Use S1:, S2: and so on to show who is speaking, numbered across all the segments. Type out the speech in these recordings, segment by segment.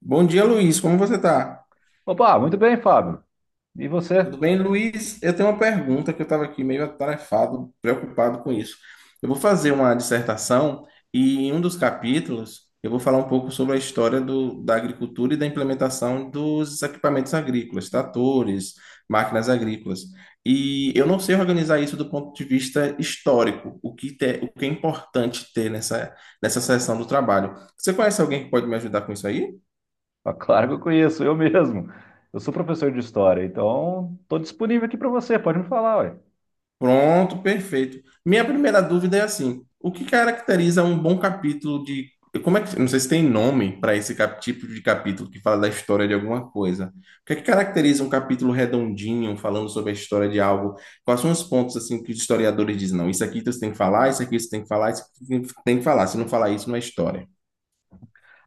S1: Bom dia, Luiz. Como você tá?
S2: Opa, muito bem, Fábio. E você?
S1: Tudo bem, Luiz? Eu tenho uma pergunta que eu estava aqui meio atarefado, preocupado com isso. Eu vou fazer uma dissertação e em um dos capítulos eu vou falar um pouco sobre a história da agricultura e da implementação dos equipamentos agrícolas, tratores, máquinas agrícolas. E eu não sei organizar isso do ponto de vista histórico, o que é importante ter nessa seção do trabalho. Você conhece alguém que pode me ajudar com isso aí?
S2: Ah, claro que eu conheço, eu mesmo. Eu sou professor de história, então estou disponível aqui para você, pode me falar.
S1: Pronto, perfeito. Minha primeira dúvida é assim: o que caracteriza um bom capítulo de. Como é que. Não sei se tem nome para esse tipo de capítulo que fala da história de alguma coisa. O que é que caracteriza um capítulo redondinho, falando sobre a história de algo? Quais são os pontos assim que os historiadores dizem? Não, isso aqui você tem que falar, isso aqui você tem que falar, isso aqui você tem que falar. Se não falar isso, não é história.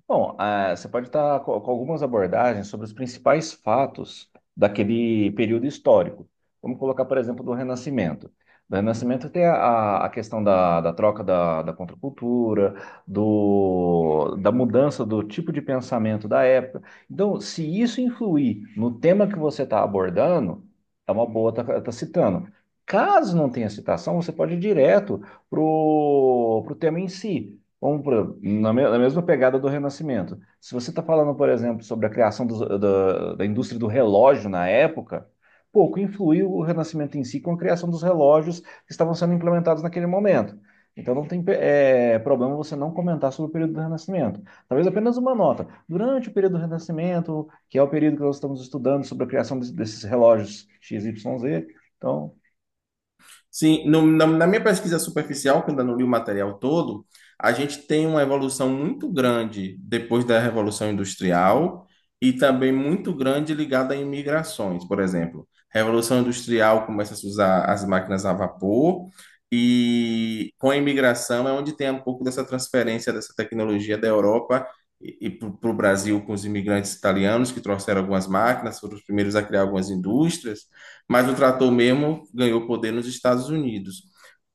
S2: Bom, você pode estar com algumas abordagens sobre os principais fatos daquele período histórico. Vamos colocar, por exemplo, do Renascimento. Do Renascimento tem a questão da troca da contracultura, da mudança do tipo de pensamento da época. Então, se isso influir no tema que você está abordando, é uma boa estar tá citando. Caso não tenha citação, você pode ir direto para o tema em si. Como, por exemplo, na mesma pegada do Renascimento. Se você está falando, por exemplo, sobre a criação da indústria do relógio na época, pouco influiu o Renascimento em si com a criação dos relógios que estavam sendo implementados naquele momento. Então não tem problema você não comentar sobre o período do Renascimento. Talvez apenas uma nota. Durante o período do Renascimento, que é o período que nós estamos estudando sobre a criação desses relógios X, Y, Z. Então,
S1: Sim, na minha pesquisa superficial, que eu ainda não li o material todo, a gente tem uma evolução muito grande depois da Revolução Industrial e também muito grande ligada a imigrações, por exemplo. Revolução Industrial começa a se usar as máquinas a vapor e com a imigração é onde tem um pouco dessa transferência dessa tecnologia da Europa e para o Brasil com os imigrantes italianos que trouxeram algumas máquinas, foram os primeiros a criar algumas indústrias. Mas o trator mesmo ganhou poder nos Estados Unidos.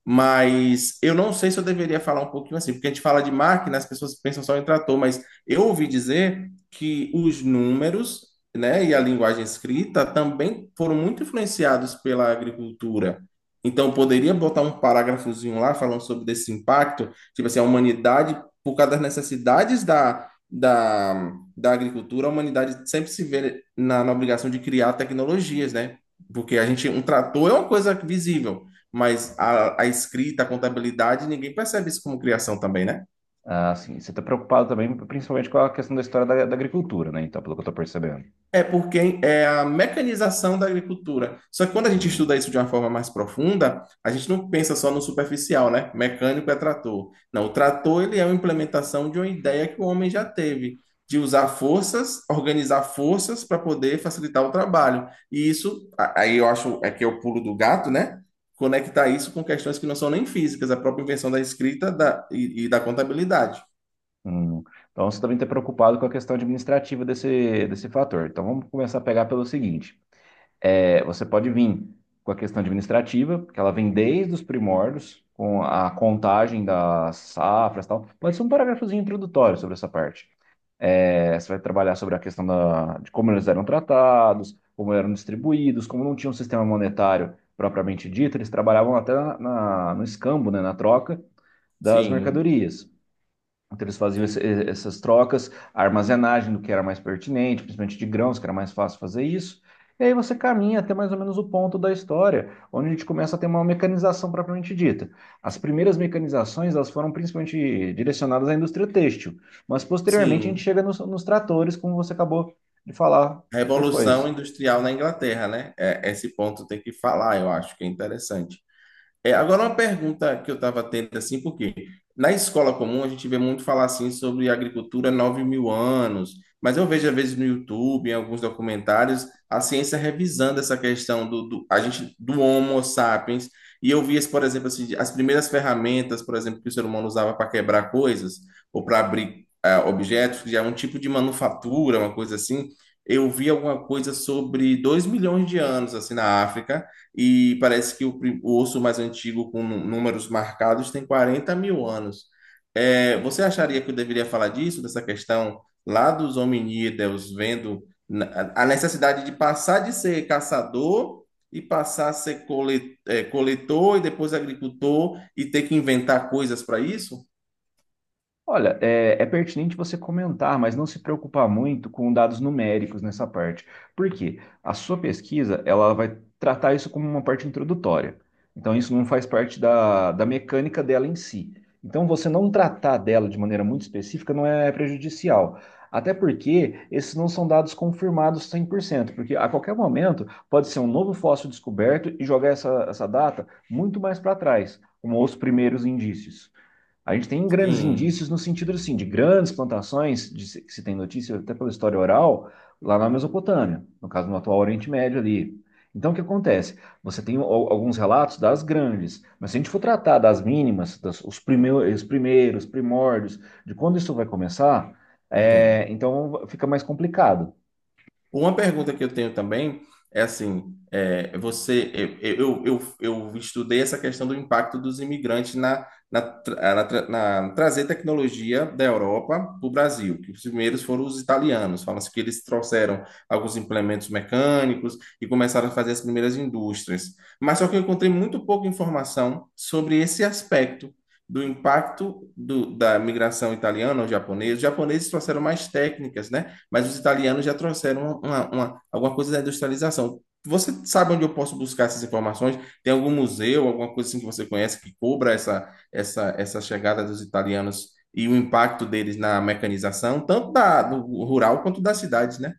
S1: Mas eu não sei se eu deveria falar um pouquinho assim, porque a gente fala de máquina, as pessoas pensam só em trator, mas eu ouvi dizer que os números, né, e a linguagem escrita também foram muito influenciados pela agricultura. Então, eu poderia botar um parágrafozinho lá falando sobre desse impacto, tipo assim, a humanidade, por causa das necessidades da agricultura, a humanidade sempre se vê na obrigação de criar tecnologias, né? Porque a gente, um trator é uma coisa visível, mas a escrita, a contabilidade, ninguém percebe isso como criação também, né?
S2: assim, você está preocupado também, principalmente com a questão da história da agricultura, né? Então, pelo que eu estou percebendo.
S1: É porque é a mecanização da agricultura. Só que quando a gente
S2: Hum,
S1: estuda isso de uma forma mais profunda, a gente não pensa só no superficial, né? Mecânico é trator. Não, o trator ele é uma implementação de uma ideia que o homem já teve, de usar forças, organizar forças para poder facilitar o trabalho. E isso, aí eu acho é que é o pulo do gato, né? Conectar isso com questões que não são nem físicas, a própria invenção da escrita e da contabilidade.
S2: hum. Então você também está preocupado com a questão administrativa desse, desse fator. Então vamos começar a pegar pelo seguinte: é, você pode vir com a questão administrativa, que ela vem desde os primórdios, com a contagem das safras e tal. Pode ser um parágrafozinho introdutório sobre essa parte. É, você vai trabalhar sobre a questão de como eles eram tratados, como eram distribuídos, como não tinha um sistema monetário propriamente dito, eles trabalhavam até no escambo, né, na troca das
S1: Sim,
S2: mercadorias. Então, essas trocas, a armazenagem do que era mais pertinente, principalmente de grãos, que era mais fácil fazer isso. E aí você caminha até mais ou menos o ponto da história, onde a gente começa a ter uma mecanização propriamente dita. As primeiras mecanizações elas foram principalmente direcionadas à indústria têxtil, mas posteriormente a gente
S1: sim.
S2: chega nos tratores, como você acabou de falar
S1: Revolução
S2: depois.
S1: Industrial na Inglaterra, né? É, esse ponto tem que falar, eu acho que é interessante. É, agora uma pergunta que eu estava tendo assim, porque na escola comum a gente vê muito falar assim sobre agricultura 9 mil anos, mas eu vejo às vezes no YouTube, em alguns documentários, a ciência revisando essa questão a gente do Homo sapiens, e eu vi, por exemplo, assim, as primeiras ferramentas, por exemplo, que o ser humano usava para quebrar coisas ou para abrir objetos, que já é um tipo de manufatura, uma coisa assim. Eu vi alguma coisa sobre 2 milhões de anos assim na África e parece que o, o osso mais antigo com números marcados tem 40 mil anos. É, você acharia que eu deveria falar disso, dessa questão lá dos hominídeos, vendo a necessidade de passar de ser caçador e passar a ser coletor e depois agricultor e ter que inventar coisas para isso?
S2: Olha, é pertinente você comentar, mas não se preocupar muito com dados numéricos nessa parte. Por quê? A sua pesquisa, ela vai tratar isso como uma parte introdutória. Então, isso não faz parte da mecânica dela em si. Então, você não tratar dela de maneira muito específica não é prejudicial. Até porque esses não são dados confirmados 100%, porque a qualquer momento pode ser um novo fóssil descoberto e jogar essa data muito mais para trás, como os primeiros indícios. A gente tem grandes indícios
S1: Sim,
S2: no sentido assim, de grandes plantações, de se- que se tem notícia até pela história oral, lá na Mesopotâmia, no caso no atual Oriente Médio ali. Então, o que acontece? Você tem alguns relatos das grandes, mas se a gente for tratar das mínimas, os primeiros, primórdios, de quando isso vai começar,
S1: entendo.
S2: é, então fica mais complicado.
S1: Uma pergunta que eu tenho também é assim, você, eu estudei essa questão do impacto dos imigrantes na trazer tecnologia da Europa para o Brasil, que os primeiros foram os italianos, fala-se que eles trouxeram alguns implementos mecânicos e começaram a fazer as primeiras indústrias. Mas só que eu encontrei muito pouca informação sobre esse aspecto do- impacto da migração italiana ou japonesa. Os japoneses trouxeram mais técnicas, né? Mas os italianos já trouxeram uma, alguma coisa da industrialização. Você sabe onde eu posso buscar essas informações? Tem algum museu, alguma coisa assim que você conhece que cobra essa chegada dos italianos e o impacto deles na mecanização, tanto do rural quanto das cidades, né?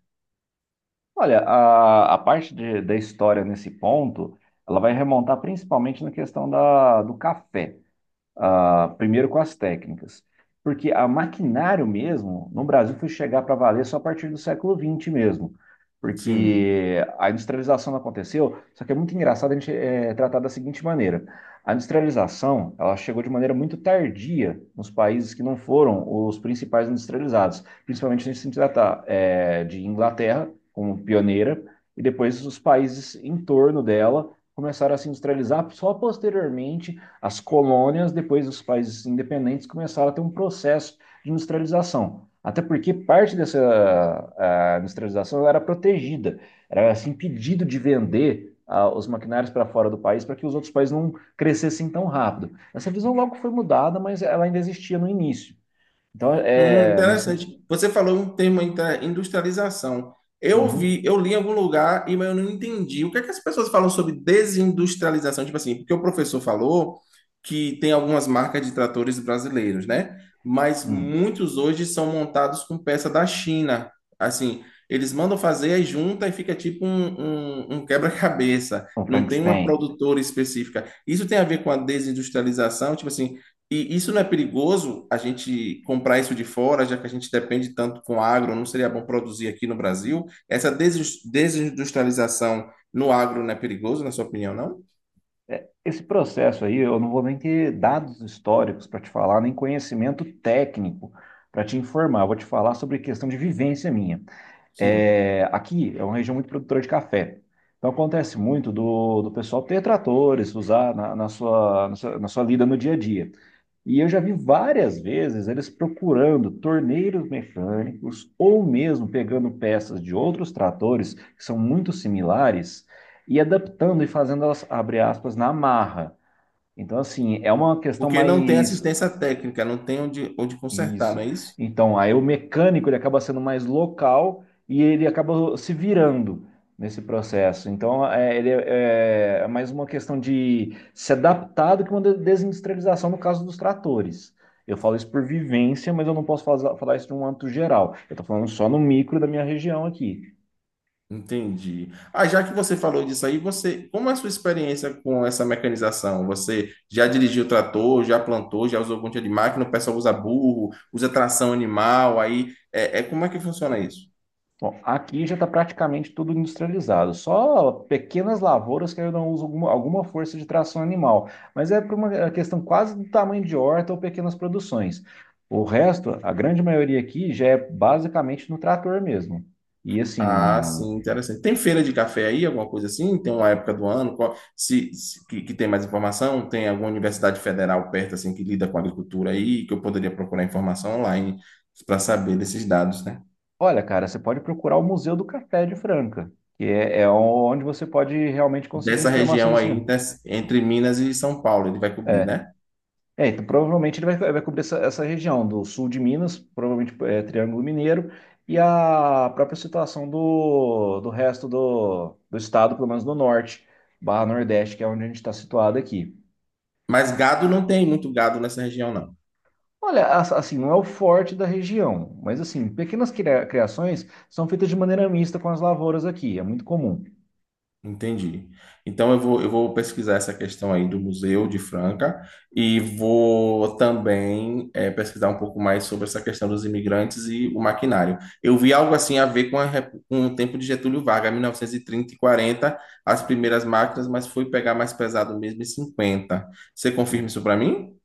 S2: Olha, a parte da história nesse ponto, ela vai remontar principalmente na questão da, do café. Ah, primeiro com as técnicas. Porque a maquinário mesmo, no Brasil, foi chegar para valer só a partir do século XX mesmo.
S1: Sim.
S2: Porque a industrialização não aconteceu, só que é muito engraçado a gente tratar da seguinte maneira. A industrialização, ela chegou de maneira muito tardia nos países que não foram os principais industrializados. Principalmente se a gente se tratar de Inglaterra como pioneira, e depois os países em torno dela começaram a se industrializar só posteriormente as colônias, depois os países independentes, começaram a ter um processo de industrialização. Até porque parte dessa industrialização era protegida, era assim, impedido de vender os maquinários para fora do país para que os outros países não crescessem tão rápido. Essa visão logo foi mudada, mas ela ainda existia no início. Então, é, no
S1: Interessante.
S2: sentido.
S1: Você falou um termo industrialização. Eu
S2: Uhum,
S1: vi, eu li em algum lugar e mas eu não entendi. O que é que as pessoas falam sobre desindustrialização? Tipo assim, porque o professor falou que tem algumas marcas de tratores brasileiros, né? Mas
S2: uhum.
S1: muitos hoje são montados com peça da China. Assim, eles mandam fazer, aí junta e fica tipo um, um quebra-cabeça.
S2: O
S1: Não tem uma
S2: Frankenstein.
S1: produtora específica. Isso tem a ver com a desindustrialização? Tipo assim, e isso não é perigoso a gente comprar isso de fora, já que a gente depende tanto com agro, não seria bom produzir aqui no Brasil? Essa desindustrialização no agro não é perigoso, na sua opinião, não?
S2: Esse processo aí, eu não vou nem ter dados históricos para te falar, nem conhecimento técnico para te informar. Eu vou te falar sobre questão de vivência minha.
S1: Sim.
S2: É, aqui é uma região muito produtora de café. Então acontece muito do pessoal ter tratores, usar na sua lida no dia a dia. E eu já vi várias vezes eles procurando torneiros mecânicos ou mesmo pegando peças de outros tratores que são muito similares e adaptando e fazendo elas, abre aspas, na marra. Então, assim, é uma questão
S1: Porque não tem
S2: mais.
S1: assistência técnica, não tem onde, onde consertar, não
S2: Isso.
S1: é isso?
S2: Então, aí o mecânico ele acaba sendo mais local e ele acaba se virando nesse processo. Então, é, ele é, é mais uma questão de se adaptar do que uma desindustrialização no caso dos tratores. Eu falo isso por vivência, mas eu não posso falar isso de um âmbito geral. Eu estou falando só no micro da minha região aqui.
S1: Entendi. Ah, já que você falou disso aí, você, como é a sua experiência com essa mecanização? Você já dirigiu trator, já plantou, já usou algum tipo de máquina? O pessoal usa burro, usa tração animal, aí como é que funciona isso?
S2: Bom, aqui já está praticamente tudo industrializado, só pequenas lavouras que ainda usam alguma força de tração animal, mas é por uma questão quase do tamanho de horta ou pequenas produções. O resto, a grande maioria aqui já é basicamente no trator mesmo. E
S1: Ah,
S2: assim,
S1: sim, interessante. Tem feira de café aí, alguma coisa assim? Tem uma época do ano? Que tem mais informação? Tem alguma universidade federal perto assim que lida com agricultura aí, que eu poderia procurar informação online para saber desses dados, né?
S2: olha, cara, você pode procurar o Museu do Café de Franca, que é, é onde você pode realmente conseguir
S1: Dessa
S2: informação
S1: região
S2: desse
S1: aí
S2: tipo.
S1: entre Minas e São Paulo, ele vai cobrir, né?
S2: É, então provavelmente ele vai, vai cobrir essa, essa região do sul de Minas, provavelmente é, Triângulo Mineiro, e a própria situação do resto do estado, pelo menos do norte, barra Nordeste, que é onde a gente está situado aqui.
S1: Mas gado não tem muito gado nessa região, não.
S2: Olha, assim, não é o forte da região, mas assim, pequenas criações são feitas de maneira mista com as lavouras aqui, é muito comum.
S1: Entendi. Então eu vou pesquisar essa questão aí do Museu de Franca e vou também pesquisar um pouco mais sobre essa questão dos imigrantes e o maquinário. Eu vi algo assim a ver com o tempo de Getúlio Vargas, 1930 e 1940, as primeiras máquinas, mas foi pegar mais pesado mesmo em 50. Você
S2: Né?
S1: confirma isso para mim?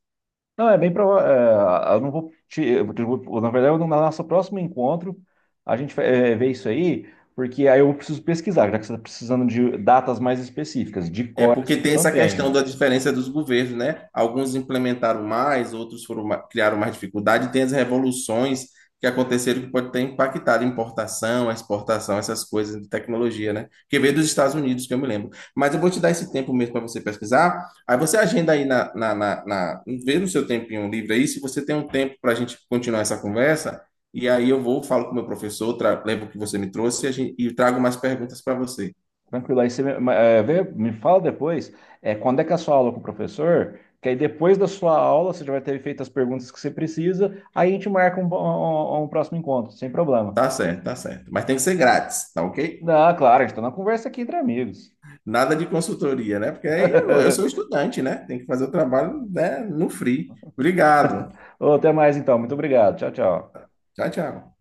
S2: Não, é bem provável. Eu não vou te, eu vou- Na verdade, no nosso próximo encontro, a gente vê isso aí, porque aí eu preciso pesquisar, já que você está precisando de datas mais específicas. De
S1: É
S2: cor,
S1: porque
S2: assim, eu
S1: tem
S2: não
S1: essa questão
S2: tenho.
S1: da diferença dos governos, né? Alguns implementaram mais, outros foram criaram mais dificuldade. Tem as revoluções que aconteceram que pode ter impactado a importação, a exportação, essas coisas de tecnologia, né? Que veio dos Estados Unidos, que eu me lembro. Mas eu vou te dar esse tempo mesmo para você pesquisar. Aí você agenda aí vê no seu tempinho livre aí, se você tem um tempo para a gente continuar essa conversa. E aí falo com o meu professor, levo o que você me trouxe e trago mais perguntas para você.
S2: Tranquilo, aí você me fala depois, quando é que é a sua aula com o professor, que aí depois da sua aula você já vai ter feito as perguntas que você precisa, aí a gente marca um próximo encontro, sem problema.
S1: Tá certo, tá certo. Mas tem que ser grátis, tá ok?
S2: Não, claro, a gente está na conversa aqui entre amigos.
S1: Nada de consultoria, né? Porque aí eu sou estudante, né? Tem que fazer o trabalho, né, no free. Obrigado.
S2: Ô, até mais então, muito obrigado. Tchau, tchau.
S1: Tchau, tchau.